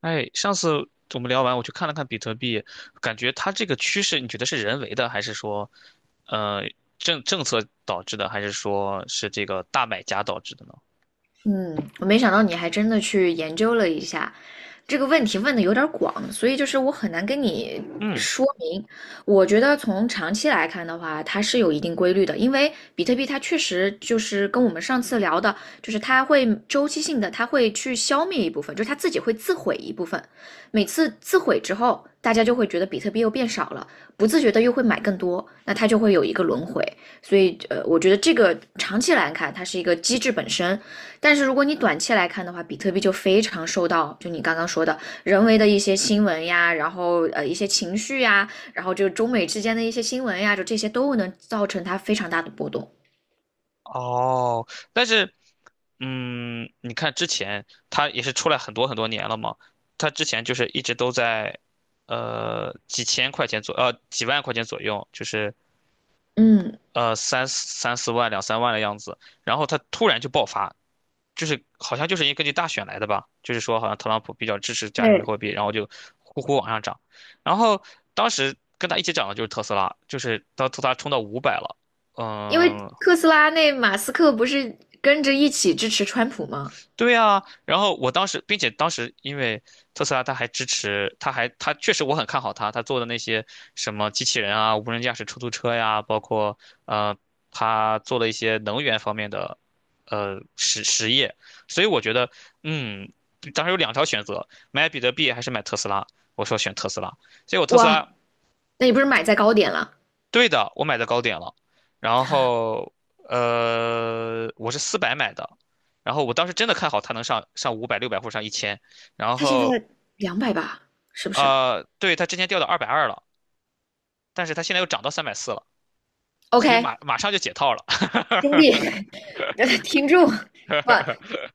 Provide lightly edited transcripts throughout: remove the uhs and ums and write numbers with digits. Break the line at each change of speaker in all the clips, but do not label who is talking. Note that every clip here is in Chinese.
哎，上次我们聊完，我去看了看比特币，感觉它这个趋势，你觉得是人为的，还是说，呃，政策导致的，还是说是这个大买家导致的呢？
嗯，我没想到你还真的去研究了一下这个问题，问的有点儿广，所以就是我很难跟你
嗯。
说明。我觉得从长期来看的话，它是有一定规律的，因为比特币它确实就是跟我们上次聊的，就是它会周期性的，它会去消灭一部分，就是它自己会自毁一部分。每次自毁之后，大家就会觉得比特币又变少了，不自觉的又会买更多，那它就会有一个轮回。所以，我觉得这个长期来看，它是一个机制本身。但是如果你短期来看的话，比特币就非常受到就你刚刚说的人为的一些新闻呀，然后一些情绪呀，然后就中美之间的一些新闻呀，就这些都能造成它非常大的波动。
哦。但是，你看之前它也是出来很多很多年了嘛，它之前就是一直都在，几千块钱左，几万块钱左右，就是
嗯，
三四万、2、3万的样子，然后它突然就爆发，就是好像就是因为根据大选来的吧，就是说好像特朗普比较支持加密
对，
货币，然后就呼呼往上涨，然后当时跟他一起涨的就是特斯拉，就是当特斯拉冲到五百了。
因为
嗯。
特斯拉那马斯克不是跟着一起支持川普吗？
对啊，然后我当时，并且当时因为特斯拉，它还支持，它确实我很看好它，它做的那些什么机器人啊、无人驾驶出租车呀，包括呃，它做了一些能源方面的实业，所以我觉得，嗯，当时有两条选择，买比特币还是买特斯拉，我说选特斯拉，结果特斯
哇，
拉。
那你不是买在高点了？
对的，我买的高点了，然后我是400买的，然后我当时真的看好它能上五百、600或者上1000，然
他现在
后
两百吧，是不是
对，它之前掉到220了，但是它现在又涨到340了，所以
？OK,
马上就解套了。
兄弟，听众，不，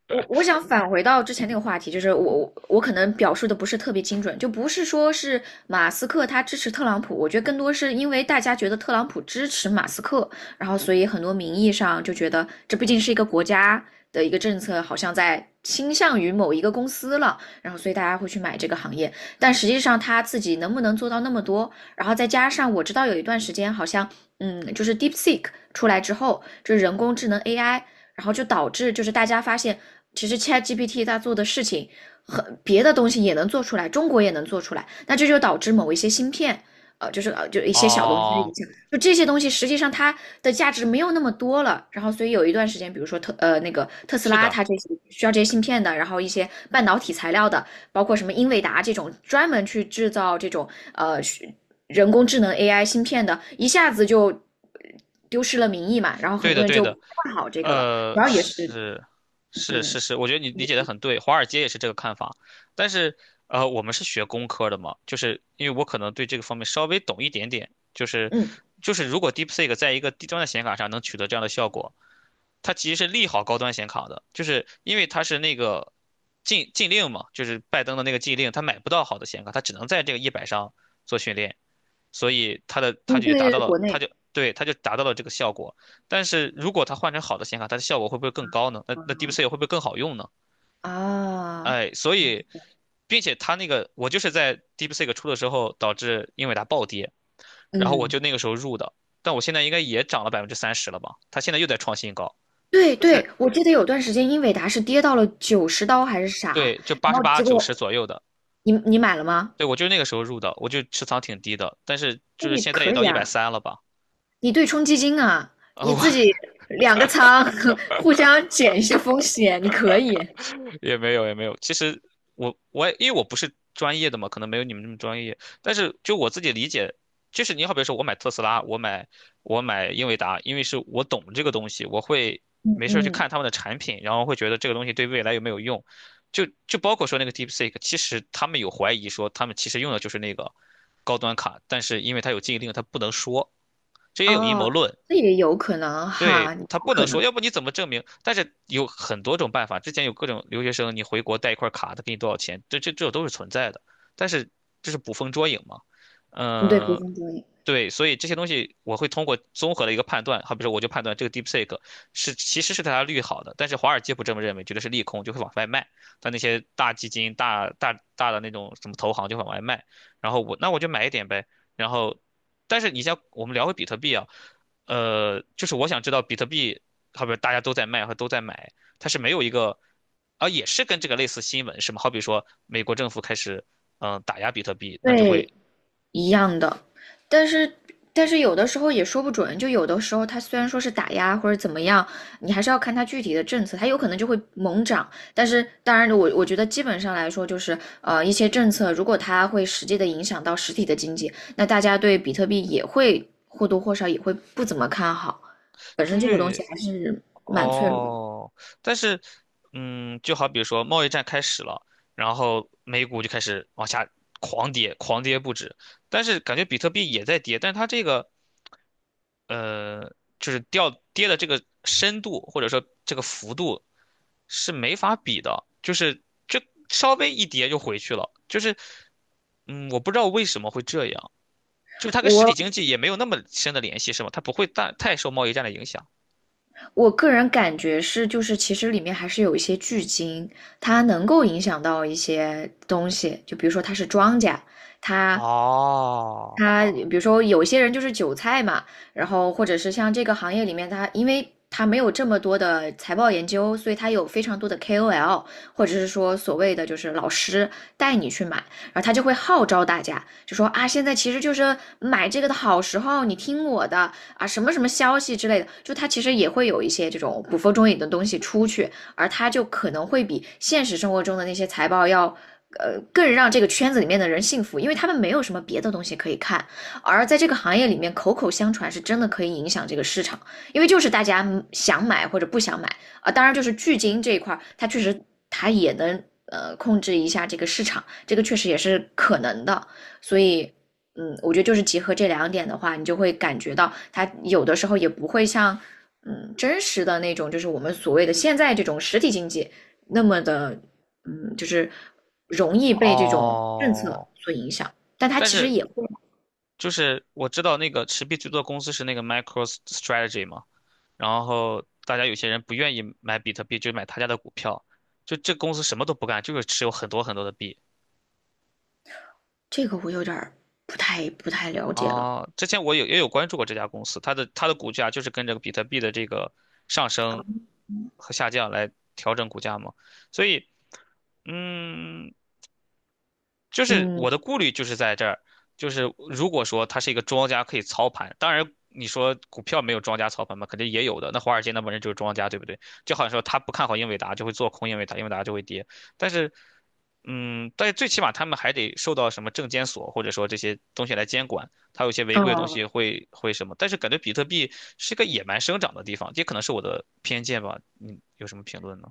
我想返回到之前那个话题，就是我可能表述的不是特别精准，就不是说是马斯克他支持特朗普，我觉得更多是因为大家觉得特朗普支持马斯克，然后所以很多名义上就觉得这毕竟是一个国家的一个政策，好像在倾向于某一个公司了，然后所以大家会去买这个行业，但实际上他自己能不能做到那么多，然后再加上我知道有一段时间好像。嗯，就是 DeepSeek 出来之后，就是人工智能 AI，然后就导致就是大家发现，其实 ChatGPT 它做的事情很别的东西也能做出来，中国也能做出来，那这就导致某一些芯片，就是就一些小东西的
哦。
影响，就这些东西实际上它的价值没有那么多了。然后所以有一段时间，比如说那个特斯
是
拉，
的。
它这些需要这些芯片的，然后一些半导体材料的，包括什么英伟达这种专门去制造这种呃人工智能 AI 芯片的，一下子就丢失了名义嘛，然后
对
很多
的，
人
对
就
的。
不看好这个了。主要也是，
是，是，是，
嗯
是，我觉得你理解的很对，华尔街也是这个看法。但是，我们是学工科的嘛，就是因为我可能对这个方面稍微懂一点点，就是，
嗯
就是如果 DeepSeek 在一个低端的显卡上能取得这样的效果，它其实是利好高端显卡的，就是因为它是那个禁令嘛，就是拜登的那个禁令，他买不到好的显卡，他只能在这个一百上做训练。所以它的它
嗯，
就也
对
达
对
到
对，
了，
国
它
内，
就对它就达到了这个效果。但是如果它换成好的显卡，它的效果会不会更高呢？那
啊
DeepSeek 会不会更好用呢？
啊，
哎，所以，并且它那个我就是在 DeepSeek 出的时候导致英伟达暴跌，然后我
嗯，
就那个时候入的，但我现在应该也涨了30%了吧？它现在又在创新高，
对
就
对，
是
我记得有段时间英伟达是跌到了九十刀还是啥，
对，就
然
八十
后
八
结
九十
果
左右的。
你买了吗？
对，我就是那个时候入的，我就持仓挺低的，但是就是
那
现在
可
也到
以
一百
啊，
三了吧？
你对冲基金啊，
啊，
你
我
自己两个仓 互相减一下风险，你可以。
也没有也没有。其实我也因为我不是专业的嘛，可能没有你们那么专业。但是就我自己理解，就是你好比说我买特斯拉，我买英伟达，因为是我懂这个东西，我会
嗯
没事儿去
嗯，
看他们的产品，然后会觉得这个东西对未来有没有用。就包括说那个 DeepSeek，其实他们有怀疑说他们其实用的就是那个高端卡，但是因为它有禁令，它不能说，这也有阴谋
哦，
论。
这也有可能哈，
对，
有
他不
可
能说，
能，
要不你怎么证明？但是有很多种办法，之前有各种留学生，你回国带一块卡，他给你多少钱，这都是存在的。但是这是捕风捉影嘛？
嗯对，不
嗯、
分交易，
对，所以这些东西我会通过综合的一个判断，好比说我就判断这个 DeepSeek 是其实是对它利好的，但是华尔街不这么认为，觉得是利空，就会往外卖。但那些大基金、大的那种什么投行就往外卖，然后那我就买一点呗。然后，但是你像我们聊回比特币啊，就是我想知道比特币，好比大家都在卖和都在买，它是没有一个，啊，也是跟这个类似新闻是吗？好比说美国政府开始打压比特币，那就会。
对，一样的，但是但是有的时候也说不准，就有的时候它虽然说是打压或者怎么样，你还是要看它具体的政策，它有可能就会猛涨。但是当然我觉得基本上来说，就是一些政策，如果它会实际的影响到实体的经济，那大家对比特币也会或多或少也会不怎么看好。本身这个东西
对
还是蛮脆弱的。
哦。但是，就好比说贸易战开始了，然后美股就开始往下狂跌，狂跌不止。但是感觉比特币也在跌，但是它这个，呃，就是掉跌的这个深度或者说这个幅度是没法比的，就稍微一跌就回去了，就是，我不知道为什么会这样，就是它跟实体经
我
济也没有那么深的联系，是吗？它不会大太受贸易战的影响。
我个人感觉是，就是其实里面还是有一些巨鲸，它能够影响到一些东西，就比如说它是庄稼，它
哦。
他比如说有些人就是韭菜嘛，然后或者是像这个行业里面他，因为他没有这么多的财报研究，所以他有非常多的 KOL，或者是说所谓的就是老师带你去买，然后他就会号召大家，就说啊，现在其实就是买这个的好时候，你听我的啊，什么什么消息之类的，就他其实也会有一些这种捕风捉影的东西出去，而他就可能会比现实生活中的那些财报要更让这个圈子里面的人幸福，因为他们没有什么别的东西可以看。而在这个行业里面，口口相传是真的可以影响这个市场，因为就是大家想买或者不想买啊。当然，就是巨金这一块它确实它也能控制一下这个市场，这个确实也是可能的。所以，我觉得就是结合这两点的话，你就会感觉到它有的时候也不会像真实的那种，就是我们所谓的现在这种实体经济那么的就是容易被这种政策
哦。
所影响，但它
但
其实
是
也会，
就是我知道那个持币最多的公司是那个 MicroStrategy 嘛，然后大家有些人不愿意买比特币，就买他家的股票，就这公司什么都不干，就是持有很多很多的币。
这个我有点儿不太了解了。
啊，之前也有关注过这家公司，它的股价就是跟着比特币的这个上升和下降来调整股价嘛，所以，嗯，就是
嗯，
我的顾虑就是在这儿，就是如果说它是一个庄家可以操盘，当然你说股票没有庄家操盘嘛，肯定也有的。那华尔街那帮人就是庄家，对不对？就好像说他不看好英伟达，就会做空英伟达，英伟达就会跌。但是，但是最起码他们还得受到什么证监所或者说这些东西来监管，它有些违规的东
哦，
西会什么。但是感觉比特币是个野蛮生长的地方，这可能是我的偏见吧。你有什么评论呢？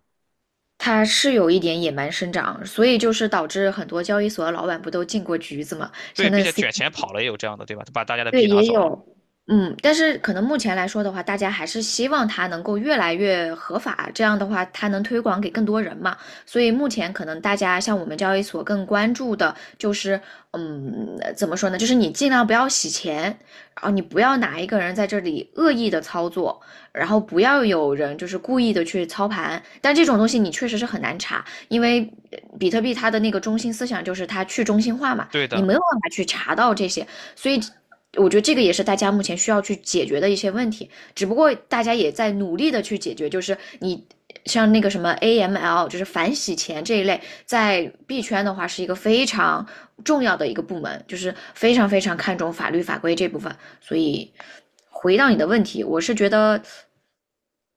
它是有一点野蛮生长，所以就是导致很多交易所的老板不都进过局子嘛，
对，
像
并
那
且
C,
卷钱跑了也有这样的，对吧？他把大家的币
对，
拿
也
走了。
有，嗯，但是可能目前来说的话，大家还是希望它能够越来越合法，这样的话它能推广给更多人嘛。所以目前可能大家像我们交易所更关注的就是，嗯，怎么说呢？就是你尽量不要洗钱，然后你不要哪一个人在这里恶意的操作，然后不要有人就是故意的去操盘。但这种东西你确实是很难查，因为比特币它的那个中心思想就是它去中心化嘛，
对
你
的。
没有办法去查到这些，所以。我觉得这个也是大家目前需要去解决的一些问题，只不过大家也在努力的去解决，就是你。像那个什么 AML，就是反洗钱这一类，在币圈的话是一个非常重要的一个部门，就是非常非常看重法律法规这部分。所以回到你的问题，我是觉得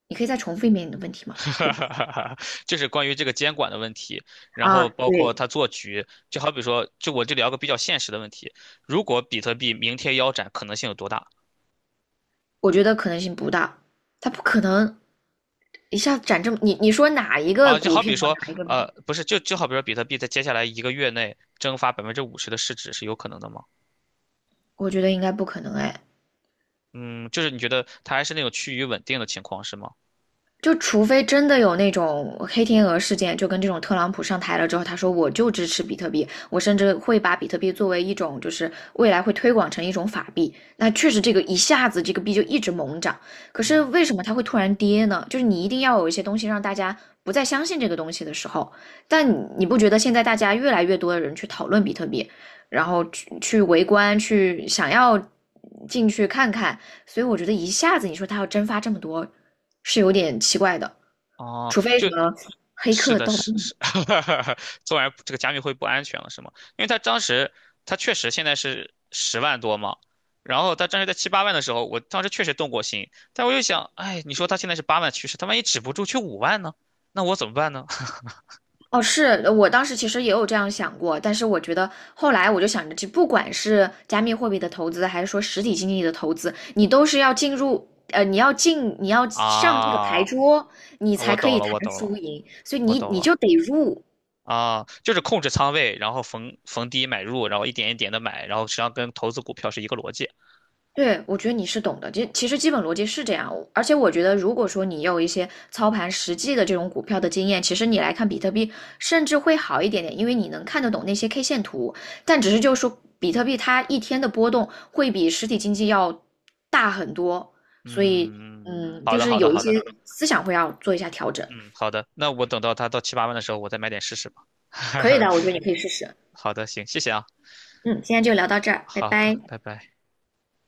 你可以再重复一遍你的问题 嘛，
哈
对
哈
不对？
哈哈，就是关于这个监管的问题，然
啊，
后包括
对，
他做局，就好比说，就我就聊个比较现实的问题，如果比特币明天腰斩，可能性有多大
我觉得可能性不大，它不可能一下涨这么。你说哪一个
啊？就
股
好
票，
比说，
哪一个
不是，就好比说，比特币在接下来一个月内蒸发50%的市值是有可能的吗？
我觉得应该不可能哎。
嗯，就是你觉得它还是那种趋于稳定的情况是吗？
就除非真的有那种黑天鹅事件，就跟这种特朗普上台了之后，他说我就支持比特币，我甚至会把比特币作为一种就是未来会推广成一种法币。那确实这个一下子这个币就一直猛涨，可是
嗯。
为什么它会突然跌呢？就是你一定要有一些东西让大家不再相信这个东西的时候，但你不觉得现在大家越来越多的人去讨论比特币，然后去围观，去想要进去看看。所以我觉得一下子你说他要蒸发这么多，是有点奇怪的，
哦，
除非什
就
么黑
是
客
的，
盗
是
墓。
是，做完这个加密会不安全了，是吗？因为他当时他确实现在是10万多嘛，然后他当时在七八万的时候，我当时确实动过心，但我又想，哎，你说他现在是八万趋势，他万一止不住去5万呢？那我怎么办呢？
哦，是我当时其实也有这样想过，但是我觉得后来我就想着，这不管是加密货币的投资，还是说实体经济的投资，你都是要进入。你要进，你要 上这个牌
啊，
桌，你才
我
可
懂
以
了，
谈
我懂了，
输赢，所以
我
你
懂
你
了。
就得入，
啊，就是控制仓位，然后逢低买入，然后一点一点的买，然后实际上跟投资股票是一个逻辑。
对，我觉得你是懂的，就其实基本逻辑是这样。而且我觉得，如果说你有一些操盘实际的这种股票的经验，其实你来看比特币甚至会好一点点，因为你能看得懂那些 K 线图。但只是就是说，比特币它一天的波动会比实体经济要大很多，所以
嗯，好
就
的，
是
好的，
有一
好
些
的。
思想会要做一下调整。
嗯，好的，那我等到它到七八万的时候，我再买点试试吧。
可以的，我觉得 你可以试试。
好的，行，谢谢啊，
嗯，今天就聊到这儿，拜
好，
拜。
拜拜。